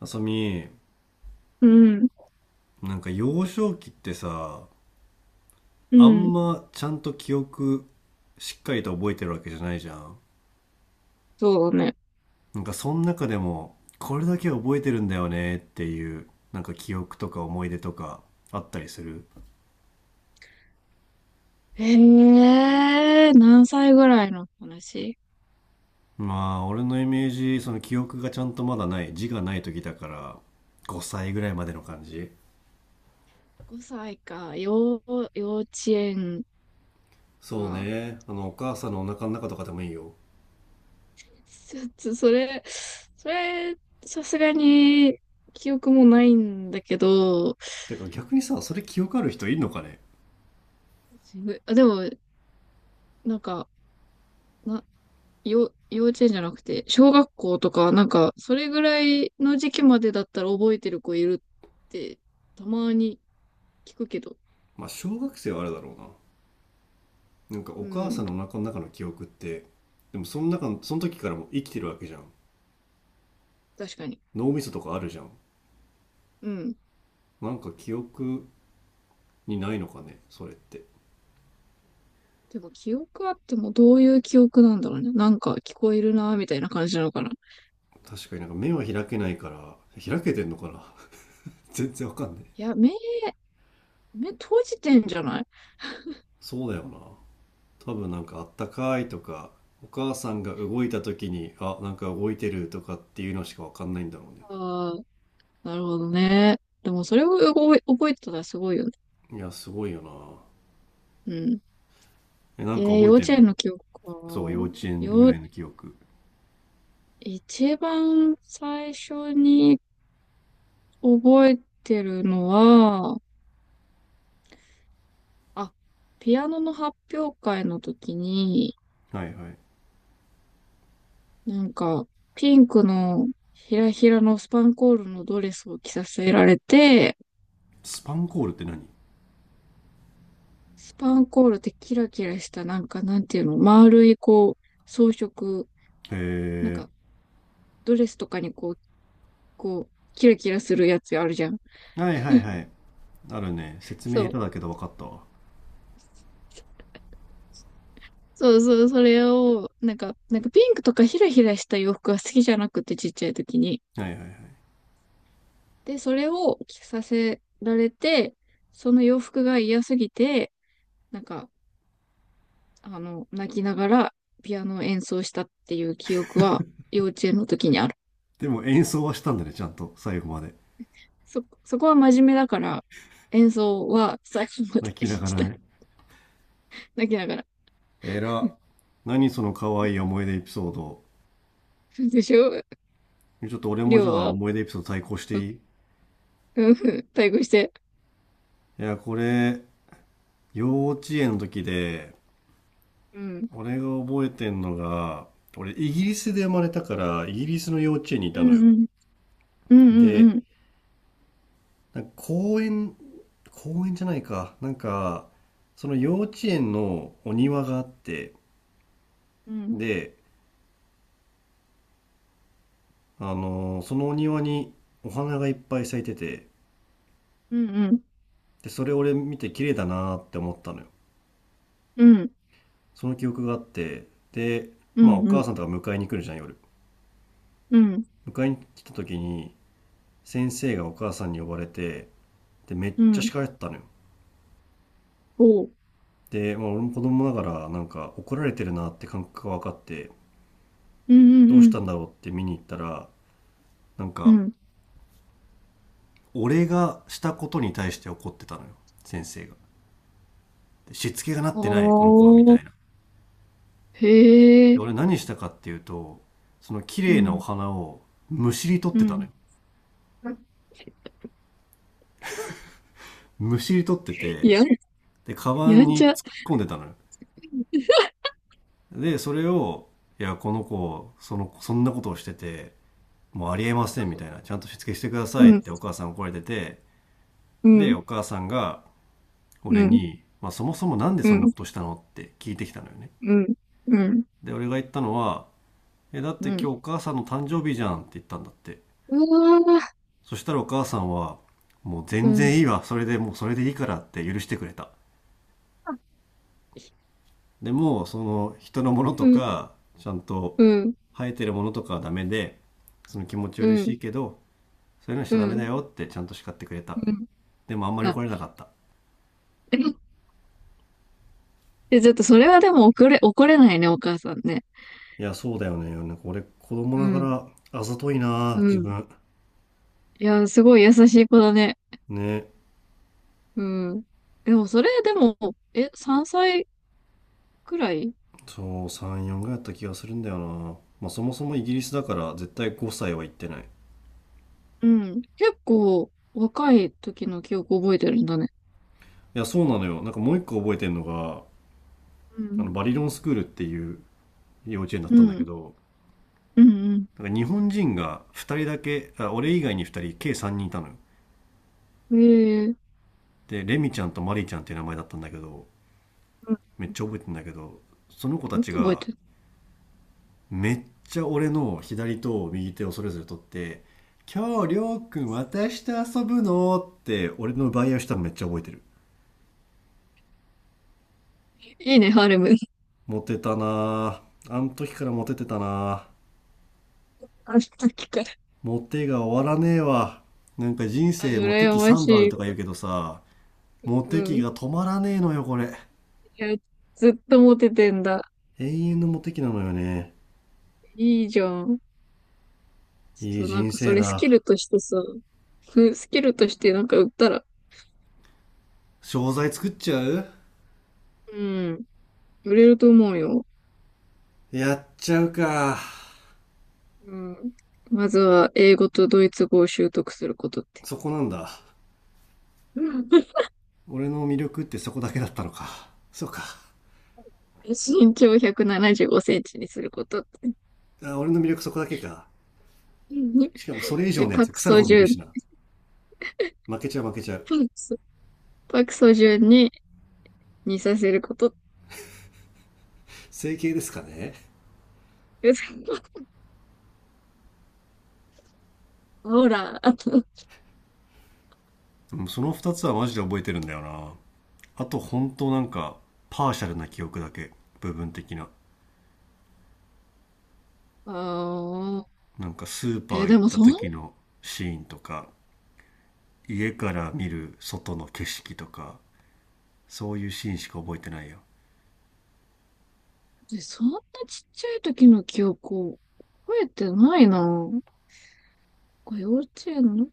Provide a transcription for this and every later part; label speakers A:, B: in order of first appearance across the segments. A: あさみ、
B: うん、
A: なんか幼少期ってさ、
B: う
A: あん
B: ん、
A: まちゃんと記憶しっかりと覚えてるわけじゃないじゃん。
B: そうね。
A: なんかその中でも、これだけ覚えてるんだよねっていう、なんか記憶とか思い出とかあったりする？
B: ええー何歳ぐらいの話？
A: まあ、俺のイメージ、その記憶がちゃんとまだない、字がない時だから、5歳ぐらいまでの感じ。
B: 5 歳か、幼稚園
A: そう
B: か。
A: ね。あの、お母さんのお腹の中とかでもいいよ。
B: ちょっとそれ、さすがに記憶もないんだけど、
A: てか逆にさ、それ記憶ある人いるのかね？
B: あ、でも、なんか、な、幼稚園じゃなくて、小学校とか、なんか、それぐらいの時期までだったら覚えてる子いるって、たまに聞くけど。
A: まあ、小学生はあれだろうな。なんかお
B: う
A: 母さん
B: ん、
A: のお腹の中の記憶って、でもその中のその時からも生きてるわけじゃん。
B: 確かに。
A: 脳みそとかあるじゃん。
B: うん。
A: なんか記憶にないのかねそれって？
B: でも記憶あってもどういう記憶なんだろうね。なんか聞こえるな、みたいな感じなのかな。い
A: 確かになんか目は開けないから、開けてんのかな？ 全然わかんない。
B: や、目閉じてんじゃない？
A: そうだよな。多分なんかあったかいとか、お母さんが動いた時になんか動いてるとかっていうのしかわかんないんだろうね。
B: ああ、なるほどね。でもそれを覚えてたらすごいよね。
A: いやすごいよな。
B: うん。
A: なんか覚え
B: 幼
A: て
B: 稚
A: ん
B: 園
A: の？
B: の記憶か。
A: そう、幼稚園ぐらいの記憶。
B: 一番最初に覚えてるのは、あ、ピアノの発表会の時に、
A: はいはい。
B: なんか、ピンクのひらひらのスパンコールのドレスを着させられて、
A: スパンコールって何？へ
B: スパンコールってキラキラした、なんか、なんていうの、丸い、こう、装飾、なん
A: え。
B: か、ドレスとかにこう、キラキラするやつあるじゃん。
A: はいはいはい。あるね。説明下
B: そう。
A: 手だけど分かったわ。は
B: そうそう、それを、なんか、ピンクとかヒラヒラした洋服が好きじゃなくて、ちっちゃい時に。
A: いはいはい。
B: で、それを着させられて、その洋服が嫌すぎて、なんか、泣きながらピアノを演奏したっていう記憶は、幼稚園の時にある。
A: でも演奏はしたんだね、ちゃんと。最後まで。
B: そこは真面目だから、演奏は最後ま
A: 泣
B: で
A: きなが
B: し
A: ら
B: た。
A: ね。
B: 泣きながら。
A: えら。何その可愛い思い出エピソード。
B: でしょ。
A: ちょっと俺も
B: り
A: じゃ
B: ょう
A: あ
B: は、
A: 思い出エピソード対抗していいい？
B: うん、対抗して。
A: や、これ、幼稚園の時で、
B: うん。
A: 俺が覚えてんのが、俺イギリスで生まれたから、イギリスの幼稚園にい
B: う
A: たの
B: ん
A: よ。
B: うん。うんうんう
A: で、
B: ん。
A: なんか公園、公園じゃないか。なんか、その幼稚園のお庭があって、
B: うん
A: で、そのお庭にお花がいっぱい咲いてて、
B: うんうん。
A: で、それ俺見て綺麗だなーって思ったのよ。
B: うん
A: その記憶があって、で、
B: う
A: まあお母
B: ん。
A: さんとか迎えに来るじゃん、夜。
B: うん
A: 迎えに来た時に、先生がお母さんに呼ばれて、で、めっ
B: う
A: ちゃ叱
B: ん。
A: られてたのよ。
B: おう。
A: で、まあ、俺も子供ながら、なんか怒られてるなって感覚が分かって、
B: う
A: どう
B: んう
A: し
B: ん
A: たんだろうって見に行ったら、なん
B: うん。う
A: か、
B: ん。
A: 俺がしたことに対して怒ってたのよ、先生が。でしつけがなってない、この子は、み
B: お
A: た
B: ー。
A: いな。
B: へ
A: で
B: え。
A: 俺何したかっていうと、その綺
B: う
A: 麗なお
B: ん。
A: 花をむしり取っ
B: う
A: てたのよ。
B: ん。
A: むしり取ってて、
B: や、
A: でカバ
B: や
A: ン
B: んち
A: に
B: ゃ。
A: 突っ込んでたのよ。でそれを、いやこの子そんなことをしてて、もうありえませんみたいな、ちゃんとしつけしてくだ
B: う
A: さいっ
B: ん。
A: てお母さん怒られてて、
B: う
A: で
B: ん。
A: お母さんが
B: う
A: 俺
B: ん。
A: に、まあ、そもそもなんで
B: う
A: そんな
B: ん。
A: ことしたのって聞いてきたのよね。
B: うん。うん。
A: で俺が言ったのは「えだって
B: う
A: 今日
B: ん。
A: お母さんの誕生日じゃん」って言ったんだって。
B: うわー。
A: そしたらお母さんは、もう
B: う
A: 全
B: ん。
A: 然いいわ。それでもうそれでいいからって許してくれた。でも、その人のものと
B: うん。
A: か、ちゃんと
B: うん、
A: 生えてるものとかはダメで、その気持ち
B: う
A: 嬉し
B: ん、
A: いけど、そういうのしち
B: う
A: ゃダメだ
B: ん、
A: よってちゃんと叱ってくれた。
B: う
A: でもあんま
B: ん。
A: り
B: あ、
A: 怒れなかった。
B: で、ちょっとそれはでも怒れないね、お母さんね。
A: いや、そうだよね。なんか俺、子供
B: う
A: なが
B: ん、
A: らあざとい
B: う
A: な、自
B: ん。
A: 分。
B: いや、すごい優しい子だね。
A: ね。
B: うん。でもそれでも、3歳くらい。
A: そう、3、4ぐらいだった気がするんだよな。まあそもそもイギリスだから絶対5歳は行ってない。
B: うん。結構若い時の記憶覚えてるんだね。
A: いや、そうなのよ。なんかもう一個覚えてるのが、
B: う
A: あ
B: ん。
A: のバリロンスクールっていう幼稚園だっ
B: う
A: たんだけ
B: ん。
A: ど、
B: うん、
A: なんか日本人が2人だけ、あ、俺以外に2人計3人いたのよ。
B: うん。ええ、
A: でレミちゃんとマリちゃんっていう名前だったんだけど、
B: うん。
A: めっちゃ覚えてんだけど、その子た
B: よ
A: ち
B: く覚え
A: が
B: てる。
A: めっちゃ俺の左と右手をそれぞれ取って「今日りょうくん私と遊ぶの？」って俺の奪い合いをしたのめっちゃ覚えてる。
B: いいね、ハーレム。
A: モテたな。あの時からモテてたなぁ。
B: あの時から。
A: モテが終わらねえわ。なんか人
B: あ、
A: 生モテ
B: 羨
A: 期
B: ま
A: 3度ある
B: しい
A: とか言う
B: わ。
A: けどさ、モ
B: う
A: テ期
B: ん。
A: が止まらねえのよ、これ。
B: いや、ずっとモテてんだ。
A: 永遠のモテ期なのよね。
B: いいじゃん。
A: い
B: ち
A: い
B: ょっとなん
A: 人
B: かそ
A: 生
B: れスキ
A: だ。
B: ルとしてさ、スキルとしてなんか売ったら、
A: 商材作っちゃう？
B: うん、売れると思うよ。
A: やっちゃうか。
B: うん。まずは英語とドイツ語を習得することって。
A: そこなんだ。
B: うん
A: 俺の魅力ってそこだけだったのか。そうか。
B: 身長175センチにすること。
A: 俺の魅力そこだけか。
B: うん
A: しかもそれ以上
B: で、
A: のやつ腐るほどいるしな。負けちゃう負けちゃう。
B: パクソ、パクソジュンに似させること。
A: 整形ですかね？
B: ほら、あ
A: うん、その二つはマジで覚えてるんだよな。あと本当なんか、パーシャルな記憶だけ。部分的な。
B: あ、
A: なんかスーパー行
B: で
A: っ
B: も
A: た時のシーンとか、家から見る外の景色とか、そういうシーンしか覚えてないよ。
B: そんなちっちゃい時の記憶を覚えてないな。これ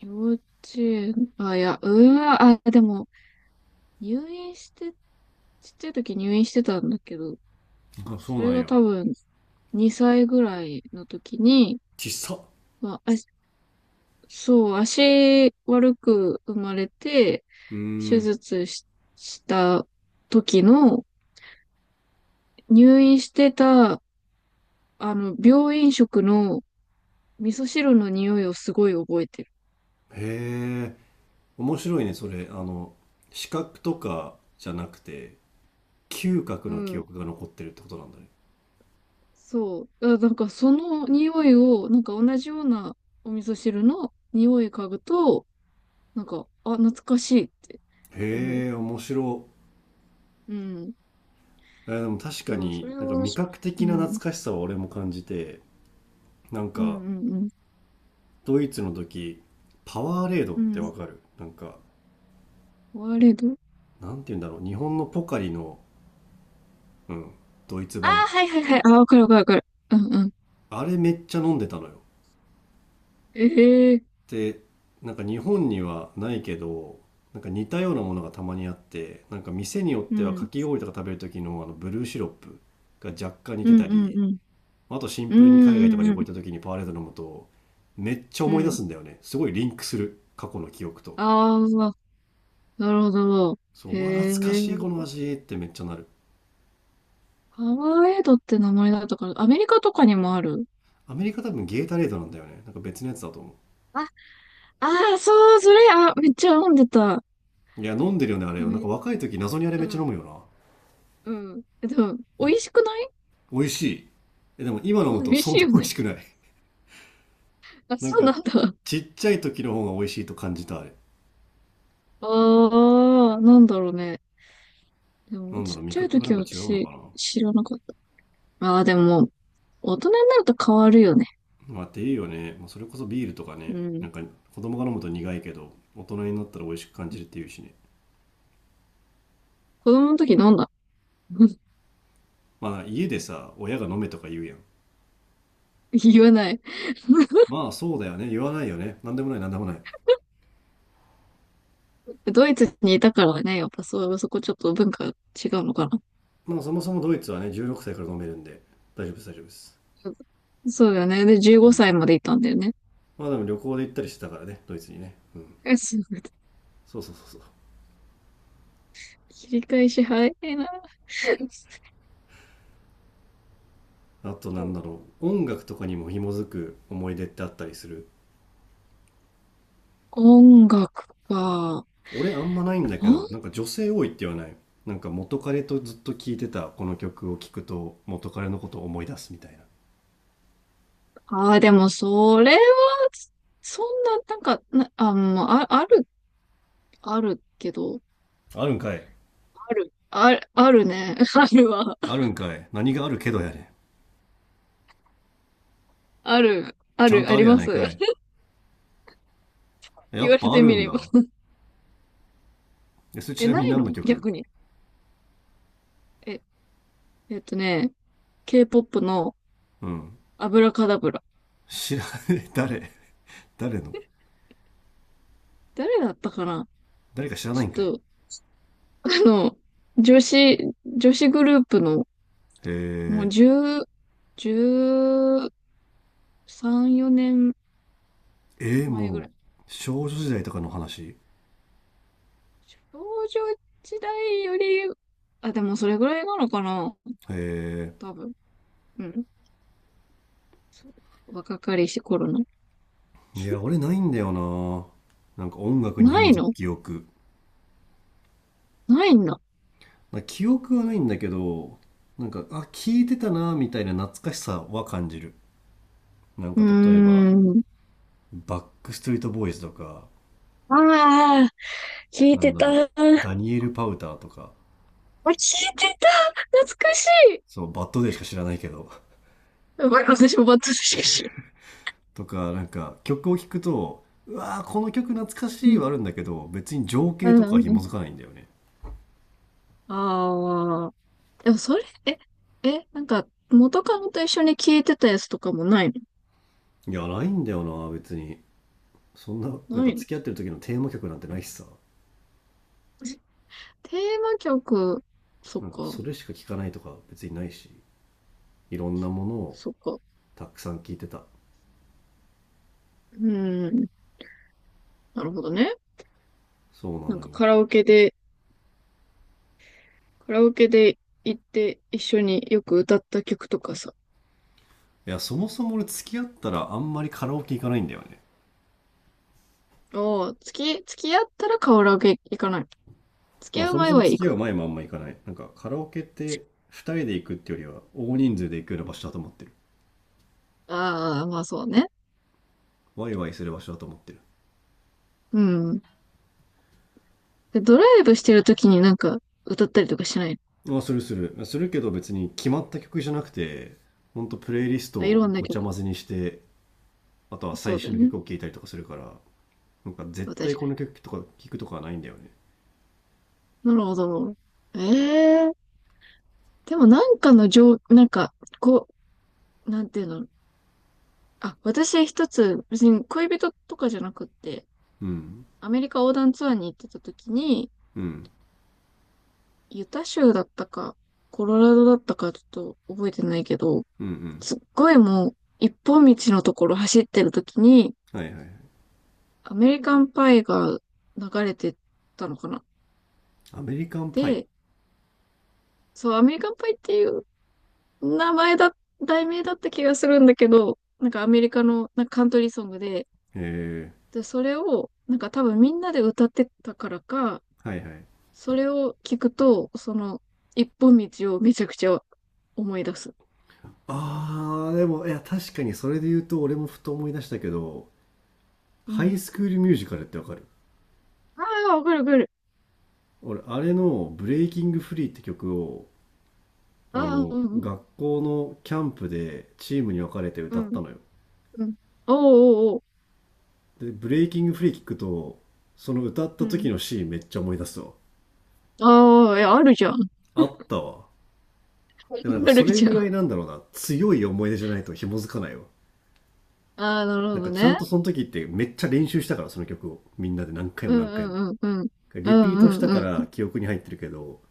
B: 幼稚園、あ、いや、うわ、あ、でも、入院して、ちっちゃい時入院してたんだけど、
A: あ、そ
B: そ
A: うな
B: れ
A: ん
B: が
A: や。
B: 多分、2歳ぐらいの時に、
A: ちっさ。
B: まあ、あ、そう、足悪く生まれて、
A: うー
B: 手
A: ん。
B: 術し、した時の、入院してた、病院食の味噌汁の匂いをすごい覚えてる。
A: へえ。面白いね、それ。あの、視覚とかじゃなくて、嗅覚
B: う
A: の記
B: ん。
A: 憶が残ってるってことなんだね。
B: そう。あ、なんかその匂いを、なんか同じようなお味噌汁の匂い嗅ぐと、なんか、あ、懐かしいって思う。
A: へえ、面白い。
B: うん。
A: でも確か
B: そう、そ
A: に
B: れ
A: なんか
B: は、
A: 味覚
B: う
A: 的な懐
B: ん。
A: かしさは俺も感じて、なん
B: うん
A: か、
B: うんうん。
A: ドイツの時、パワーレードっ
B: う
A: て
B: ん。
A: わかる？なんか、
B: ワレド。
A: なんて言うんだろう。日本のポカリの、うん、ドイツ
B: ああ、
A: 版。
B: はいはいはい。ああ、わかるわかるわかる。うんうん。
A: あれめっちゃ飲んでたのよ。
B: ええ、
A: で、なんか日本にはないけど、なんか似たようなものがたまにあって、なんか店によっ
B: う
A: てはか
B: ん。
A: き氷とか食べる時のあのブルーシロップが若干似
B: う
A: て
B: ん
A: た
B: うん
A: り、
B: うん。
A: あとシン
B: う
A: プルに海外と
B: ん
A: か
B: うん
A: 旅
B: う
A: 行
B: ん。
A: 行った時にパワーレード飲むと、めっちゃ
B: う
A: 思い出
B: ん。
A: すんだよね。すごいリンクする。過去の記憶と。
B: ああ、なるほど。
A: そう、
B: へ
A: うわ、懐かしいこの
B: え。
A: 味ってめっちゃなる。
B: パワーエイドって名前だったから、アメリカとかにもある。
A: アメリカ多分ゲータレードなんだよね。なんか別のやつだと思
B: ああ、そう、それ、あ、めっちゃ飲んでた。
A: う。いや、飲んでるよね、あれ
B: ア
A: よ。な
B: メ
A: んか
B: リカの。
A: 若い時謎にあれめっち
B: う
A: ゃ
B: ん、
A: 飲むよな。
B: うん。でも、美味しくない？
A: 美味しい。でも今飲むと
B: 美味
A: そん
B: しい
A: な
B: よ
A: 美味
B: ね。
A: しくない。
B: あ、
A: なん
B: そう
A: か、
B: なんだ。
A: ちっちゃい時の方が美味しいと感じた、あれ。
B: ああ、なんだろうね。で
A: な
B: も、
A: んだ
B: ち
A: ろう、
B: っ
A: 味
B: ちゃい
A: 覚がな
B: 時
A: ん
B: は
A: か違うのか
B: 私、
A: な。
B: 知らなかった。ああ、でも、大人になると変わるよね。
A: まあ、っていうよね。まあ、それこそビールとかね、
B: うん。
A: なんか子供が飲むと苦いけど、大人になったら美味しく感じるっていうしね。
B: 子供の時飲んだ。
A: まあ、家でさ、親が飲めとか言うやん。
B: 言わない。
A: まあ、そうだよね。言わないよね。なんでもない、なんでもない。
B: ドイツにいたからね、やっぱそう、そこちょっと文化違うのかな。
A: まあ、そもそもドイツはね、16歳から飲めるんで、大丈夫です、大丈夫です。
B: うん、そうだよね。で、15
A: う
B: 歳
A: ん。
B: までいたんだよね。
A: まあ、でも旅行で行ったりしてたからね、ドイツにね。うん。
B: そう、
A: そうそうそうそう。
B: 切り返し早いな。
A: あとなんだろう、音楽とかにも紐づく思い出ってあったりする？
B: 音楽か。
A: 俺あんまないんだけどなんか女性多いって言わない？なんか元彼とずっと聴いてたこの曲を聴くと元彼のことを思い出すみたいな。
B: ああー、でも、それは、そんな、なんか、あ、もうあ、あある、あるけど、
A: あるんかい。
B: ある、ある、あるね。あるわ。
A: あるんかい、何があるけどやね
B: ある、
A: ん。
B: あ
A: ちゃん
B: る、
A: と
B: あ
A: あ
B: り
A: るや
B: ま
A: ない
B: す。
A: かい。 や
B: 言
A: っ
B: われ
A: ぱあ
B: て
A: る
B: み
A: ん
B: れば。
A: だ。それちなみ
B: な
A: に
B: い
A: 何の
B: の
A: 曲？
B: 逆に？え、えっとね、K-POP の
A: うん。
B: アブラカダブラ。
A: 知らない。 誰？誰の？
B: 誰だったかな。
A: 誰か知ら
B: ち
A: ないんかい。
B: ょっと、あの、女子、女子グループの、
A: へ
B: もう10、13、4
A: え。
B: 年前ぐら
A: も
B: い。
A: う少女時代とかの話？
B: 少女時代より、あ、でもそれぐらいなのかな、
A: へえ。
B: 多分。うん。若かりし頃の。
A: いや俺ないんだよな、なんか音楽に
B: な
A: 紐
B: い
A: づく
B: の？
A: 記憶。
B: ないんだ。
A: まあ記憶はないんだけど、なんか、あ、聞いてたな、みたいな懐かしさは感じる。なん
B: うー
A: か、例えば、
B: ん。
A: バックストリートボーイズとか、
B: ああ、聞い
A: なん
B: て
A: だ
B: た。
A: ろう、
B: あ、
A: ダニエル・パウターとか、
B: 聞いてた。懐かしい。
A: そう、バッドデーしか知らないけど、
B: やばい、私もバッドしか知ら
A: とか、なんか、曲を聴くと、うわー、この曲懐かし
B: ん。う
A: い
B: ん。
A: はあるんだけど、別に情
B: う
A: 景
B: ん。
A: とかは
B: う
A: 紐づ
B: ん、
A: かないんだよね。
B: ああ。でもそれ、なんか、元カノと一緒に聞いてたやつとかもない
A: いや、ないんだよな、別に。そんな、
B: の？
A: なん
B: な
A: か
B: いの？
A: 付き合ってる時のテーマ曲なんてないしさ。
B: テーマ曲、そっ
A: なんか、そ
B: か、
A: れしか聴かないとか別にないし、いろんなものを
B: そっか。う
A: たくさん聴いてた。
B: ーん。なるほどね。
A: そうな
B: なん
A: のよ。
B: かカラオケで行って一緒によく歌った曲とかさ。
A: いや、そもそも俺付き合ったらあんまりカラオケ行かないんだよね。
B: おー、付き合ったらカラオケ行かない？付き
A: まあ
B: 合う
A: そも
B: 前
A: そも
B: は
A: 付
B: 行
A: き合う
B: く。
A: 前もあんま行かない。なんかカラオケって2人で行くってよりは大人数で行くような場所だと思ってる。
B: ああ、まあそうね。
A: ワイワイする場所だと思ってる。
B: うん。で、ドライブしてる時になんか歌ったりとかしない？
A: まあするする。するけど別に決まった曲じゃなくて、ほんとプレイリスト
B: あ、い
A: を
B: ろんな
A: ごち
B: 曲。
A: ゃ混ぜにして、あとは
B: そ
A: 最
B: うだ
A: 新
B: よ
A: の
B: ね。
A: 曲を聴いたりとかするから、なんか絶
B: あ、
A: 対
B: 確
A: こ
B: か
A: の曲とか聴くとかはないんだよね。
B: に。なるほど。ええー。でもなんかのなんか、こう、なんていうの。あ、私一つ、別に恋人とかじゃなくって、
A: うん。
B: アメリカ横断ツアーに行ってた時に、
A: うん。
B: ユタ州だったか、コロラドだったか、ちょっと覚えてないけど、
A: うんうん。
B: すっごいもう、一本道のところ走ってるときに、
A: はいはいはい。
B: アメリカンパイが流れてたのかな。
A: アメリカンパイ。へ
B: で、そう、アメリカンパイっていう名前だ、題名だった気がするんだけど、なんかアメリカのなんかカントリーソングで、
A: え。
B: で、それを、なんか多分みんなで歌ってたからか、
A: はいはい。
B: それを聞くと、その、一本道をめちゃくちゃ思い出す。
A: でもいや確かにそれで言うと俺もふと思い出したけど
B: う
A: ハイ
B: ん。
A: スクールミュージカルってわかる？
B: ああ、わかるわかる。
A: 俺あれの「ブレイキングフリー」って曲をあ
B: ああ、
A: の
B: うん
A: 学校のキャンプでチームに分かれて
B: う
A: 歌
B: ん、う
A: った
B: ん、
A: のよ。
B: うん。おうおうおう。
A: で「ブレイキングフリー」聞くとその歌っ
B: う
A: た時
B: ん。
A: のシーンめっちゃ思い出すわ。
B: ああ、あるじゃん。
A: あったわ。でもなん か
B: あ
A: そ
B: る
A: れ
B: じゃ
A: ぐ
B: ん。
A: ら
B: あ
A: いなんだろうな、強い思い出じゃないと紐づかないわ。
B: あ、なる
A: なん
B: ほ
A: か
B: ど
A: ちゃん
B: ね。
A: とその時ってめっちゃ練習したからその曲をみんなで何回
B: う
A: も
B: ん
A: 何回も
B: うんうん、おお
A: リ
B: お
A: ピートしたか
B: おう、うん、ああ、や、あるじゃん、あるじゃん、ああ、なるほどね、うんうんうん。
A: ら記憶に入ってるけど、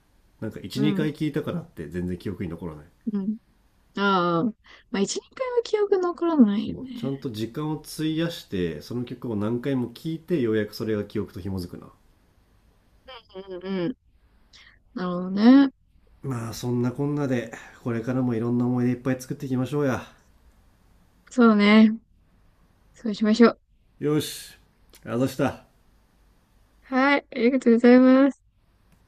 A: なんか
B: う
A: 1、2
B: ん
A: 回聞いたからって全然記憶に残らない。
B: うん。ああ。まあ、一、二回は記憶残らない
A: そ
B: よ
A: う、ちゃ
B: ね。
A: んと時間を費やして、その曲を何回も聴いて、ようやくそれが記憶と紐づくな。
B: うんうん。なるほどね。
A: まあ、そんなこんなで、これからもいろんな思い出いっぱい作っていきましょうや。
B: そうね。そうしましょう。
A: よし、あざした。
B: はい。ありがとうございます。